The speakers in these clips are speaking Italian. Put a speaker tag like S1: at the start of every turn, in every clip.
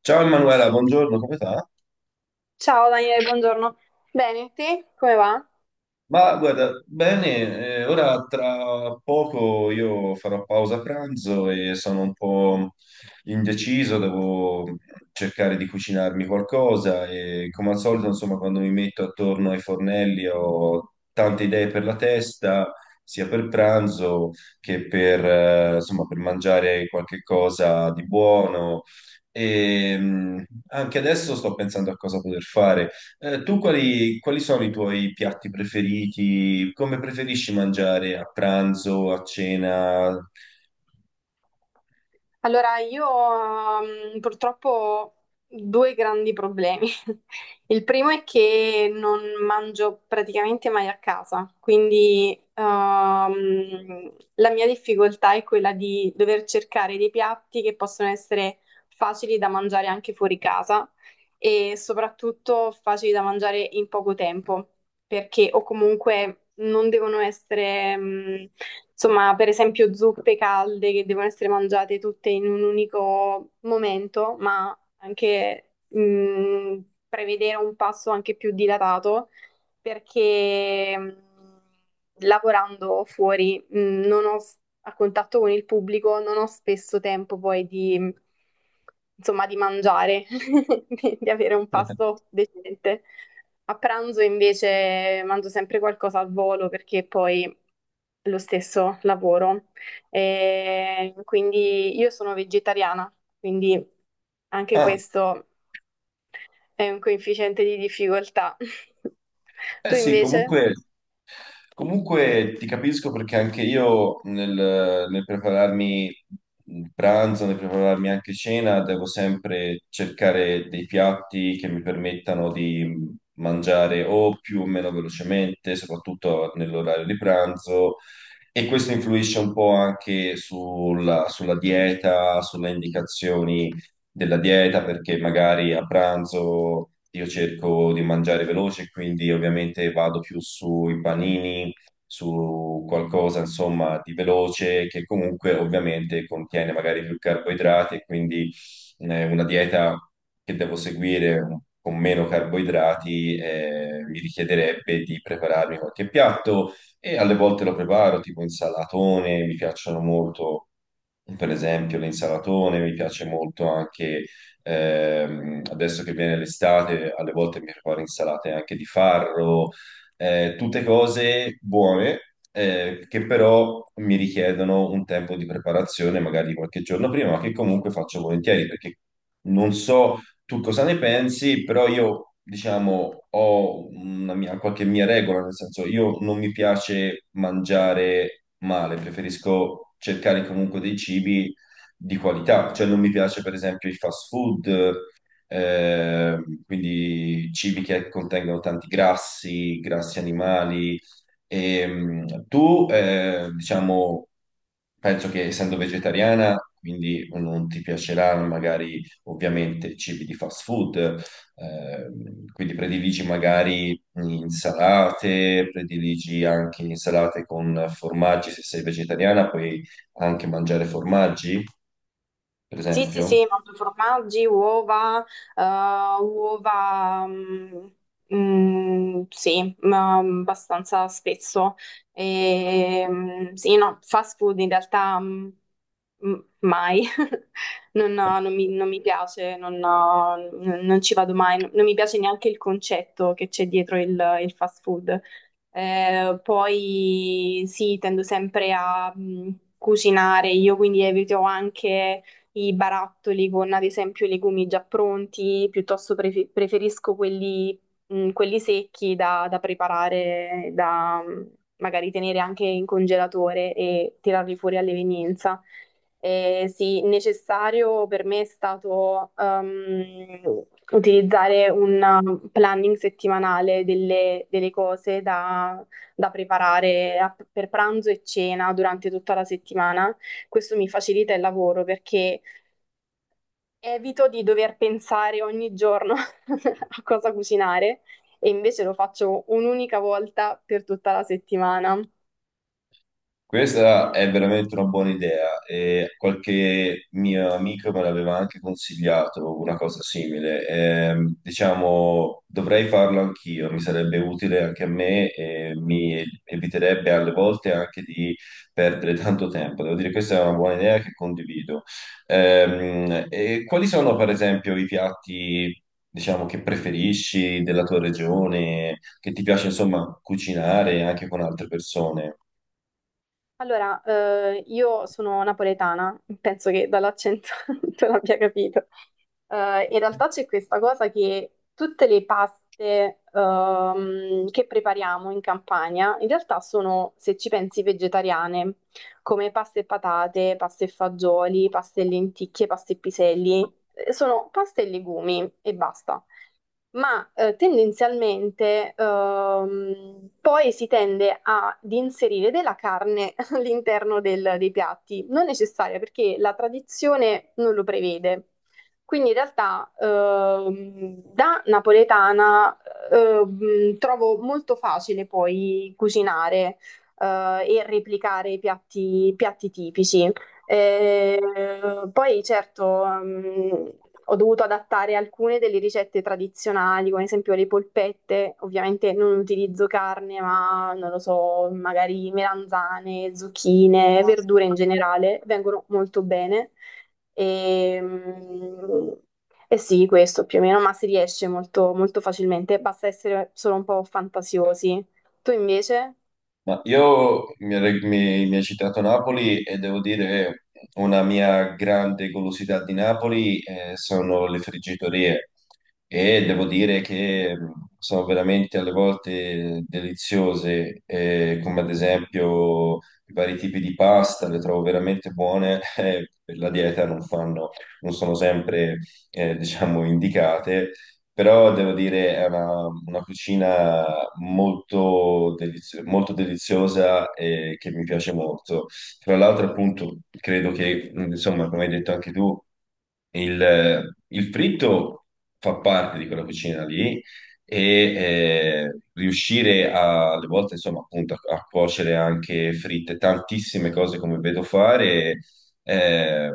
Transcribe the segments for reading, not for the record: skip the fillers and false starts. S1: Ciao Emanuela, buongiorno, come sta?
S2: Ciao Daniele, buongiorno. Bene, te come va?
S1: Ma guarda, bene, ora tra poco io farò pausa pranzo e sono un po' indeciso, devo cercare di cucinarmi qualcosa e come al solito, insomma, quando mi metto attorno ai fornelli ho tante idee per la testa, sia per pranzo che per, insomma, per mangiare qualche cosa di buono. E anche adesso sto pensando a cosa poter fare. Tu quali sono i tuoi piatti preferiti? Come preferisci mangiare a pranzo, a cena?
S2: Allora, io purtroppo ho due grandi problemi. Il primo è che non mangio praticamente mai a casa, quindi la mia difficoltà è quella di dover cercare dei piatti che possono essere facili da mangiare anche fuori casa e soprattutto facili da mangiare in poco tempo. Perché o comunque non devono essere, insomma, per esempio zuppe calde che devono essere mangiate tutte in un unico momento, ma anche prevedere un passo anche più dilatato perché lavorando fuori non ho a contatto con il pubblico, non ho spesso tempo poi di, insomma, di mangiare, di avere un pasto decente. A pranzo invece mangio sempre qualcosa al volo perché poi lo stesso lavoro. E quindi io sono vegetariana, quindi anche
S1: Ah,
S2: questo è un coefficiente di difficoltà.
S1: eh
S2: Tu
S1: sì,
S2: invece?
S1: comunque. Comunque ti capisco perché anche io nel prepararmi il pranzo, nel prepararmi anche cena, devo sempre cercare dei piatti che mi permettano di mangiare o più o meno velocemente, soprattutto nell'orario di pranzo. E questo influisce un po' anche sulla dieta, sulle indicazioni della dieta perché magari a pranzo io cerco di mangiare veloce, quindi ovviamente vado più sui panini, su qualcosa insomma di veloce che comunque ovviamente contiene magari più carboidrati e quindi una dieta che devo seguire con meno carboidrati mi richiederebbe di prepararmi qualche piatto e alle volte lo preparo tipo insalatone, mi piacciono molto, per esempio, l'insalatone, mi piace molto anche adesso che viene l'estate, alle volte mi preparo insalate anche di farro, tutte cose buone che però mi richiedono un tempo di preparazione, magari qualche giorno prima, ma che comunque faccio volentieri perché non so tu cosa ne pensi, però io, diciamo, ho una mia, qualche mia regola, nel senso io non mi piace mangiare male, preferisco cercare comunque dei cibi di qualità, cioè non mi piace per esempio il fast food, eh, quindi cibi che contengono tanti grassi, grassi animali. E, tu, diciamo, penso che essendo vegetariana, quindi non ti piacerà magari ovviamente cibi di fast food, quindi prediligi magari insalate, prediligi anche insalate con formaggi, se sei vegetariana puoi anche mangiare formaggi, per
S2: Sì, sì,
S1: esempio.
S2: sì, mangio formaggi, uova, eh, uova, sì, ma abbastanza spesso. E, sì, no, fast food in realtà mai, non mi piace, non ci vado mai, non mi piace neanche il concetto che c'è dietro il fast food. Poi sì, tendo sempre a cucinare, io quindi evito anche i barattoli con ad esempio i legumi già pronti, piuttosto preferisco quelli, quelli secchi da, da preparare, da magari tenere anche in congelatore e tirarli fuori all'evenienza. Sì, necessario per me è stato utilizzare un planning settimanale delle, delle cose da, da preparare per pranzo e cena durante tutta la settimana. Questo mi facilita il lavoro perché evito di dover pensare ogni giorno a cosa cucinare e invece lo faccio un'unica volta per tutta la settimana.
S1: Questa è veramente una buona idea e qualche mio amico me l'aveva anche consigliato una cosa simile. Diciamo, dovrei farlo anch'io, mi sarebbe utile anche a me e mi eviterebbe alle volte anche di perdere tanto tempo. Devo dire, questa è una buona idea che condivido. E quali sono, per esempio, i piatti, diciamo, che preferisci della tua regione, che ti piace, insomma, cucinare anche con altre persone?
S2: Allora, io sono napoletana, penso che dall'accento tu l'abbia capito. In realtà c'è questa cosa che tutte le paste che prepariamo in Campania, in realtà sono, se ci pensi, vegetariane, come paste e patate, paste e fagioli, paste e lenticchie, paste e piselli. Sono paste e legumi e basta. Ma tendenzialmente poi si tende ad inserire della carne all'interno dei piatti, non necessaria perché la tradizione non lo prevede. Quindi in realtà da napoletana trovo molto facile poi cucinare eh, e replicare i piatti tipici. E, poi certo, ho dovuto adattare alcune delle ricette tradizionali, come ad esempio le polpette. Ovviamente non utilizzo carne, ma non lo so, magari melanzane, zucchine, verdure in generale, vengono molto bene. E, mm, e sì, questo più o meno, ma si riesce molto, molto facilmente, basta essere solo un po' fantasiosi. Tu invece?
S1: Ma io mi hai citato Napoli e devo dire una mia grande golosità di Napoli sono le friggitorie e devo dire che sono veramente alle volte deliziose, come ad esempio i vari tipi di pasta, le trovo veramente buone, per la dieta non fanno, non sono sempre diciamo indicate però devo dire è una cucina molto, molto deliziosa e che mi piace molto. Tra l'altro, appunto, credo che, insomma, come hai detto anche tu, il fritto fa parte di quella cucina lì e riuscire a, alle volte, insomma, appunto, a, a cuocere anche fritte, tantissime cose come vedo fare eh,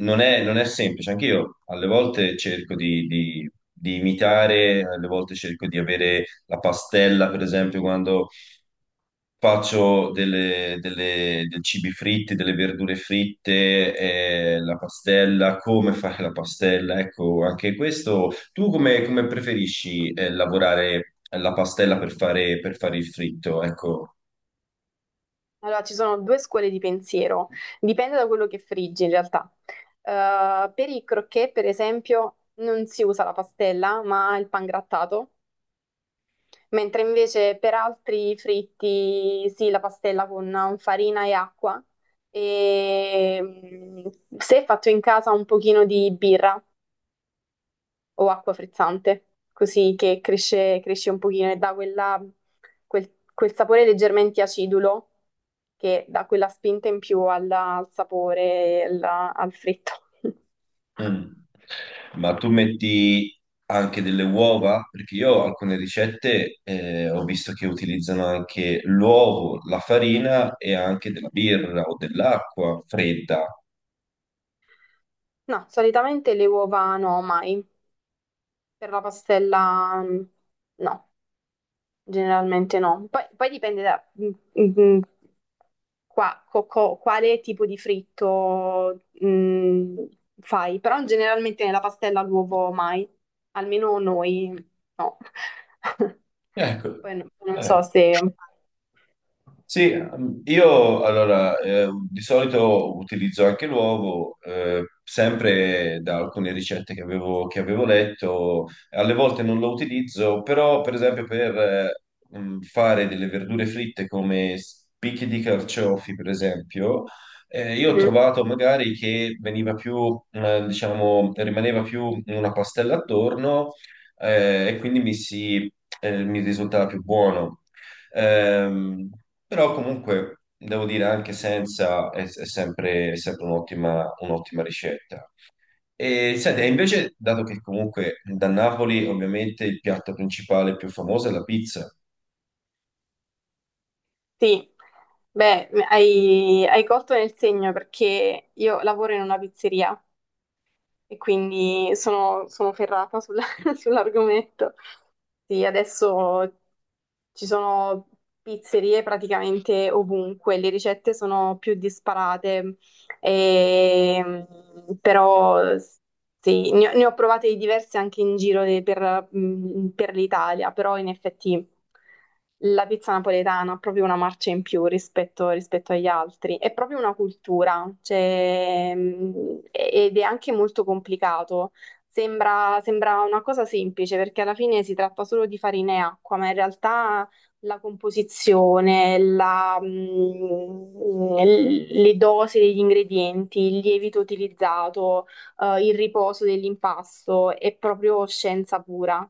S1: non è, non è semplice, anche io alle volte cerco di imitare, alle volte cerco di avere la pastella, per esempio, quando faccio dei cibi fritti, delle verdure fritte, la pastella, come fare la pastella, ecco, anche questo. Tu come, come preferisci, lavorare la pastella per fare il fritto? Ecco.
S2: Allora, ci sono due scuole di pensiero, dipende da quello che friggi in realtà. Per i croquet, per esempio, non si usa la pastella, ma il pangrattato, mentre invece per altri fritti sì, la pastella con farina e acqua e se fatto in casa un pochino di birra, o acqua frizzante, così che cresce, cresce un pochino e dà quel sapore leggermente acidulo che dà quella spinta in più al sapore, al fritto.
S1: Mm. Ma tu metti anche delle uova? Perché io alcune ricette ho visto che utilizzano anche l'uovo, la farina e anche della birra o dell'acqua fredda.
S2: No, solitamente le uova no, mai. Per la pastella no, generalmente no. Poi dipende da, mm, mm, quale tipo di fritto fai, però generalmente nella pastella l'uovo mai, almeno noi no.
S1: Ecco,
S2: Poi non so
S1: ecco.
S2: se...
S1: Sì, io allora di solito utilizzo anche l'uovo, sempre da alcune ricette che avevo letto, alle volte non lo utilizzo, però per esempio per fare delle verdure fritte come spicchi di carciofi, per esempio, io ho
S2: Mhm.
S1: trovato magari che veniva più, diciamo, rimaneva più una pastella attorno e quindi mi si, mi risultava più buono. Ehm, però comunque devo dire anche senza è, è sempre un'ottima ricetta. E senti, e invece, dato che comunque da Napoli ovviamente il piatto principale più famoso è la pizza,
S2: Sì, beh, hai colto nel segno perché io lavoro in una pizzeria e quindi sono ferrata sulla- sull'argomento. Sì, adesso ci sono pizzerie praticamente ovunque, le ricette sono più disparate, e- però. Sì, ne ho provate di diverse anche in giro per l'Italia, però in effetti la pizza napoletana ha proprio una marcia in più rispetto agli altri, è proprio una cultura, cioè, ed è anche molto complicato. Sembra una cosa semplice perché alla fine si tratta solo di farina e acqua, ma in realtà la composizione, le dosi degli ingredienti, il lievito utilizzato il riposo dell'impasto, è proprio scienza pura.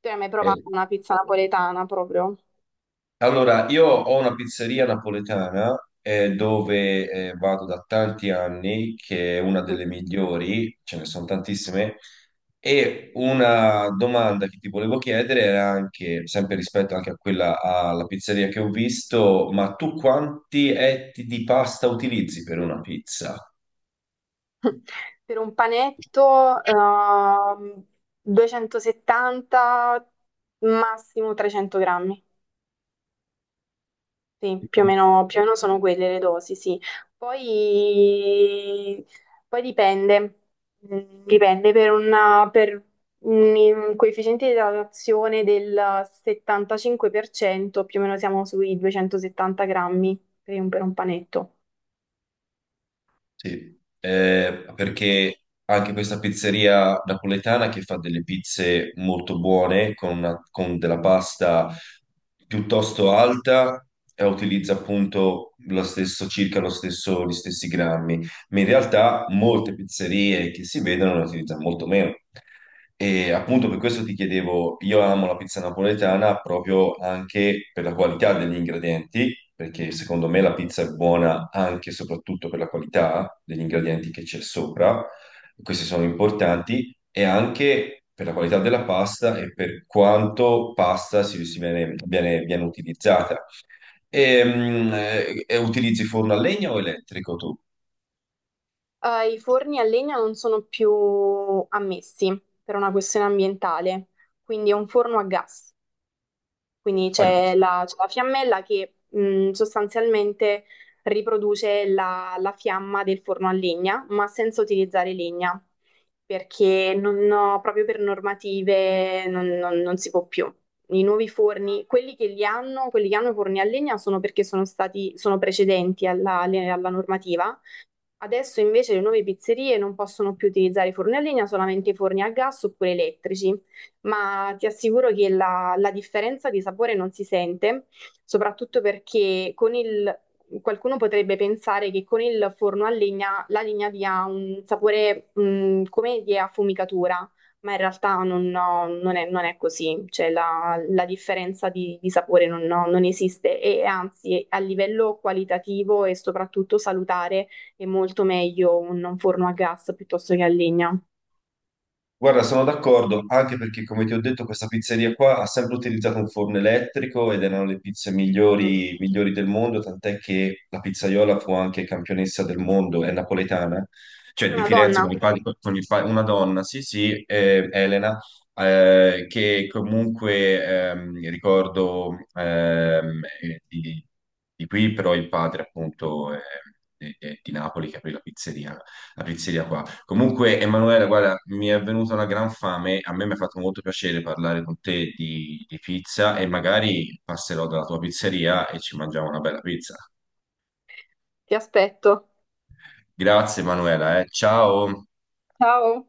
S2: Tu hai mai provato una pizza napoletana proprio?
S1: allora, io ho una pizzeria napoletana dove vado da tanti anni, che è una
S2: Mm.
S1: delle migliori, ce ne sono tantissime, e una domanda che ti volevo chiedere era anche, sempre rispetto anche a quella alla pizzeria che ho visto, ma tu quanti etti di pasta utilizzi per una pizza?
S2: Per un panetto, 270, massimo 300 grammi. Sì, più o meno sono quelle le dosi, sì. Poi, poi dipende, dipende per, per un coefficiente di idratazione del 75%, più o meno siamo sui 270 grammi per un panetto.
S1: Sì, perché anche questa pizzeria napoletana che fa delle pizze molto buone con, con della pasta piuttosto alta e utilizza appunto lo stesso, circa lo stesso, gli stessi grammi, ma in realtà molte pizzerie che si vedono ne utilizzano molto meno. E appunto per questo ti chiedevo, io amo la pizza napoletana proprio anche per la qualità degli ingredienti, perché secondo me la pizza è buona anche e soprattutto per la qualità degli ingredienti che c'è sopra, questi sono importanti, e anche per la qualità della pasta e per quanto pasta si, si viene, viene utilizzata. E, utilizzi forno a legna o elettrico tu?
S2: I forni a legna non sono più ammessi per una questione ambientale, quindi è un forno a gas. Quindi c'è la fiammella che sostanzialmente riproduce la, la fiamma del forno a legna, ma senza utilizzare legna, perché non ho- proprio per normative non si può più. I nuovi forni, quelli che li hanno, quelli che hanno i forni a legna sono perché sono precedenti alla alla normativa. Adesso invece le nuove pizzerie non possono più utilizzare i forni a legna, solamente i forni a gas oppure elettrici, ma ti assicuro che la, la differenza di sapore non si sente, soprattutto perché qualcuno potrebbe pensare che con il forno a legna la legna dia un sapore come di affumicatura, ma in realtà non, no, non è, non è così, cioè la, la differenza di sapore non, no, non esiste e anzi a livello qualitativo e soprattutto salutare è molto meglio un forno a gas piuttosto che a legna.
S1: Guarda, sono d'accordo, anche perché come ti ho detto questa pizzeria qua ha sempre utilizzato un forno elettrico ed erano le pizze
S2: Mm.
S1: migliori, migliori del mondo, tant'è che la pizzaiola fu anche campionessa del mondo, è napoletana, cioè di
S2: Una
S1: Firenze
S2: donna,
S1: con i una donna, sì sì, Elena, che comunque ricordo di qui, però il padre appunto di Napoli che aprì la pizzeria qua. Comunque, Emanuele, guarda, mi è venuta una gran fame. A me mi ha fatto molto piacere parlare con te di pizza e magari passerò dalla tua pizzeria e ci mangiamo una bella pizza.
S2: ti aspetto.
S1: Grazie, Emanuela, eh. Ciao.
S2: Ciao.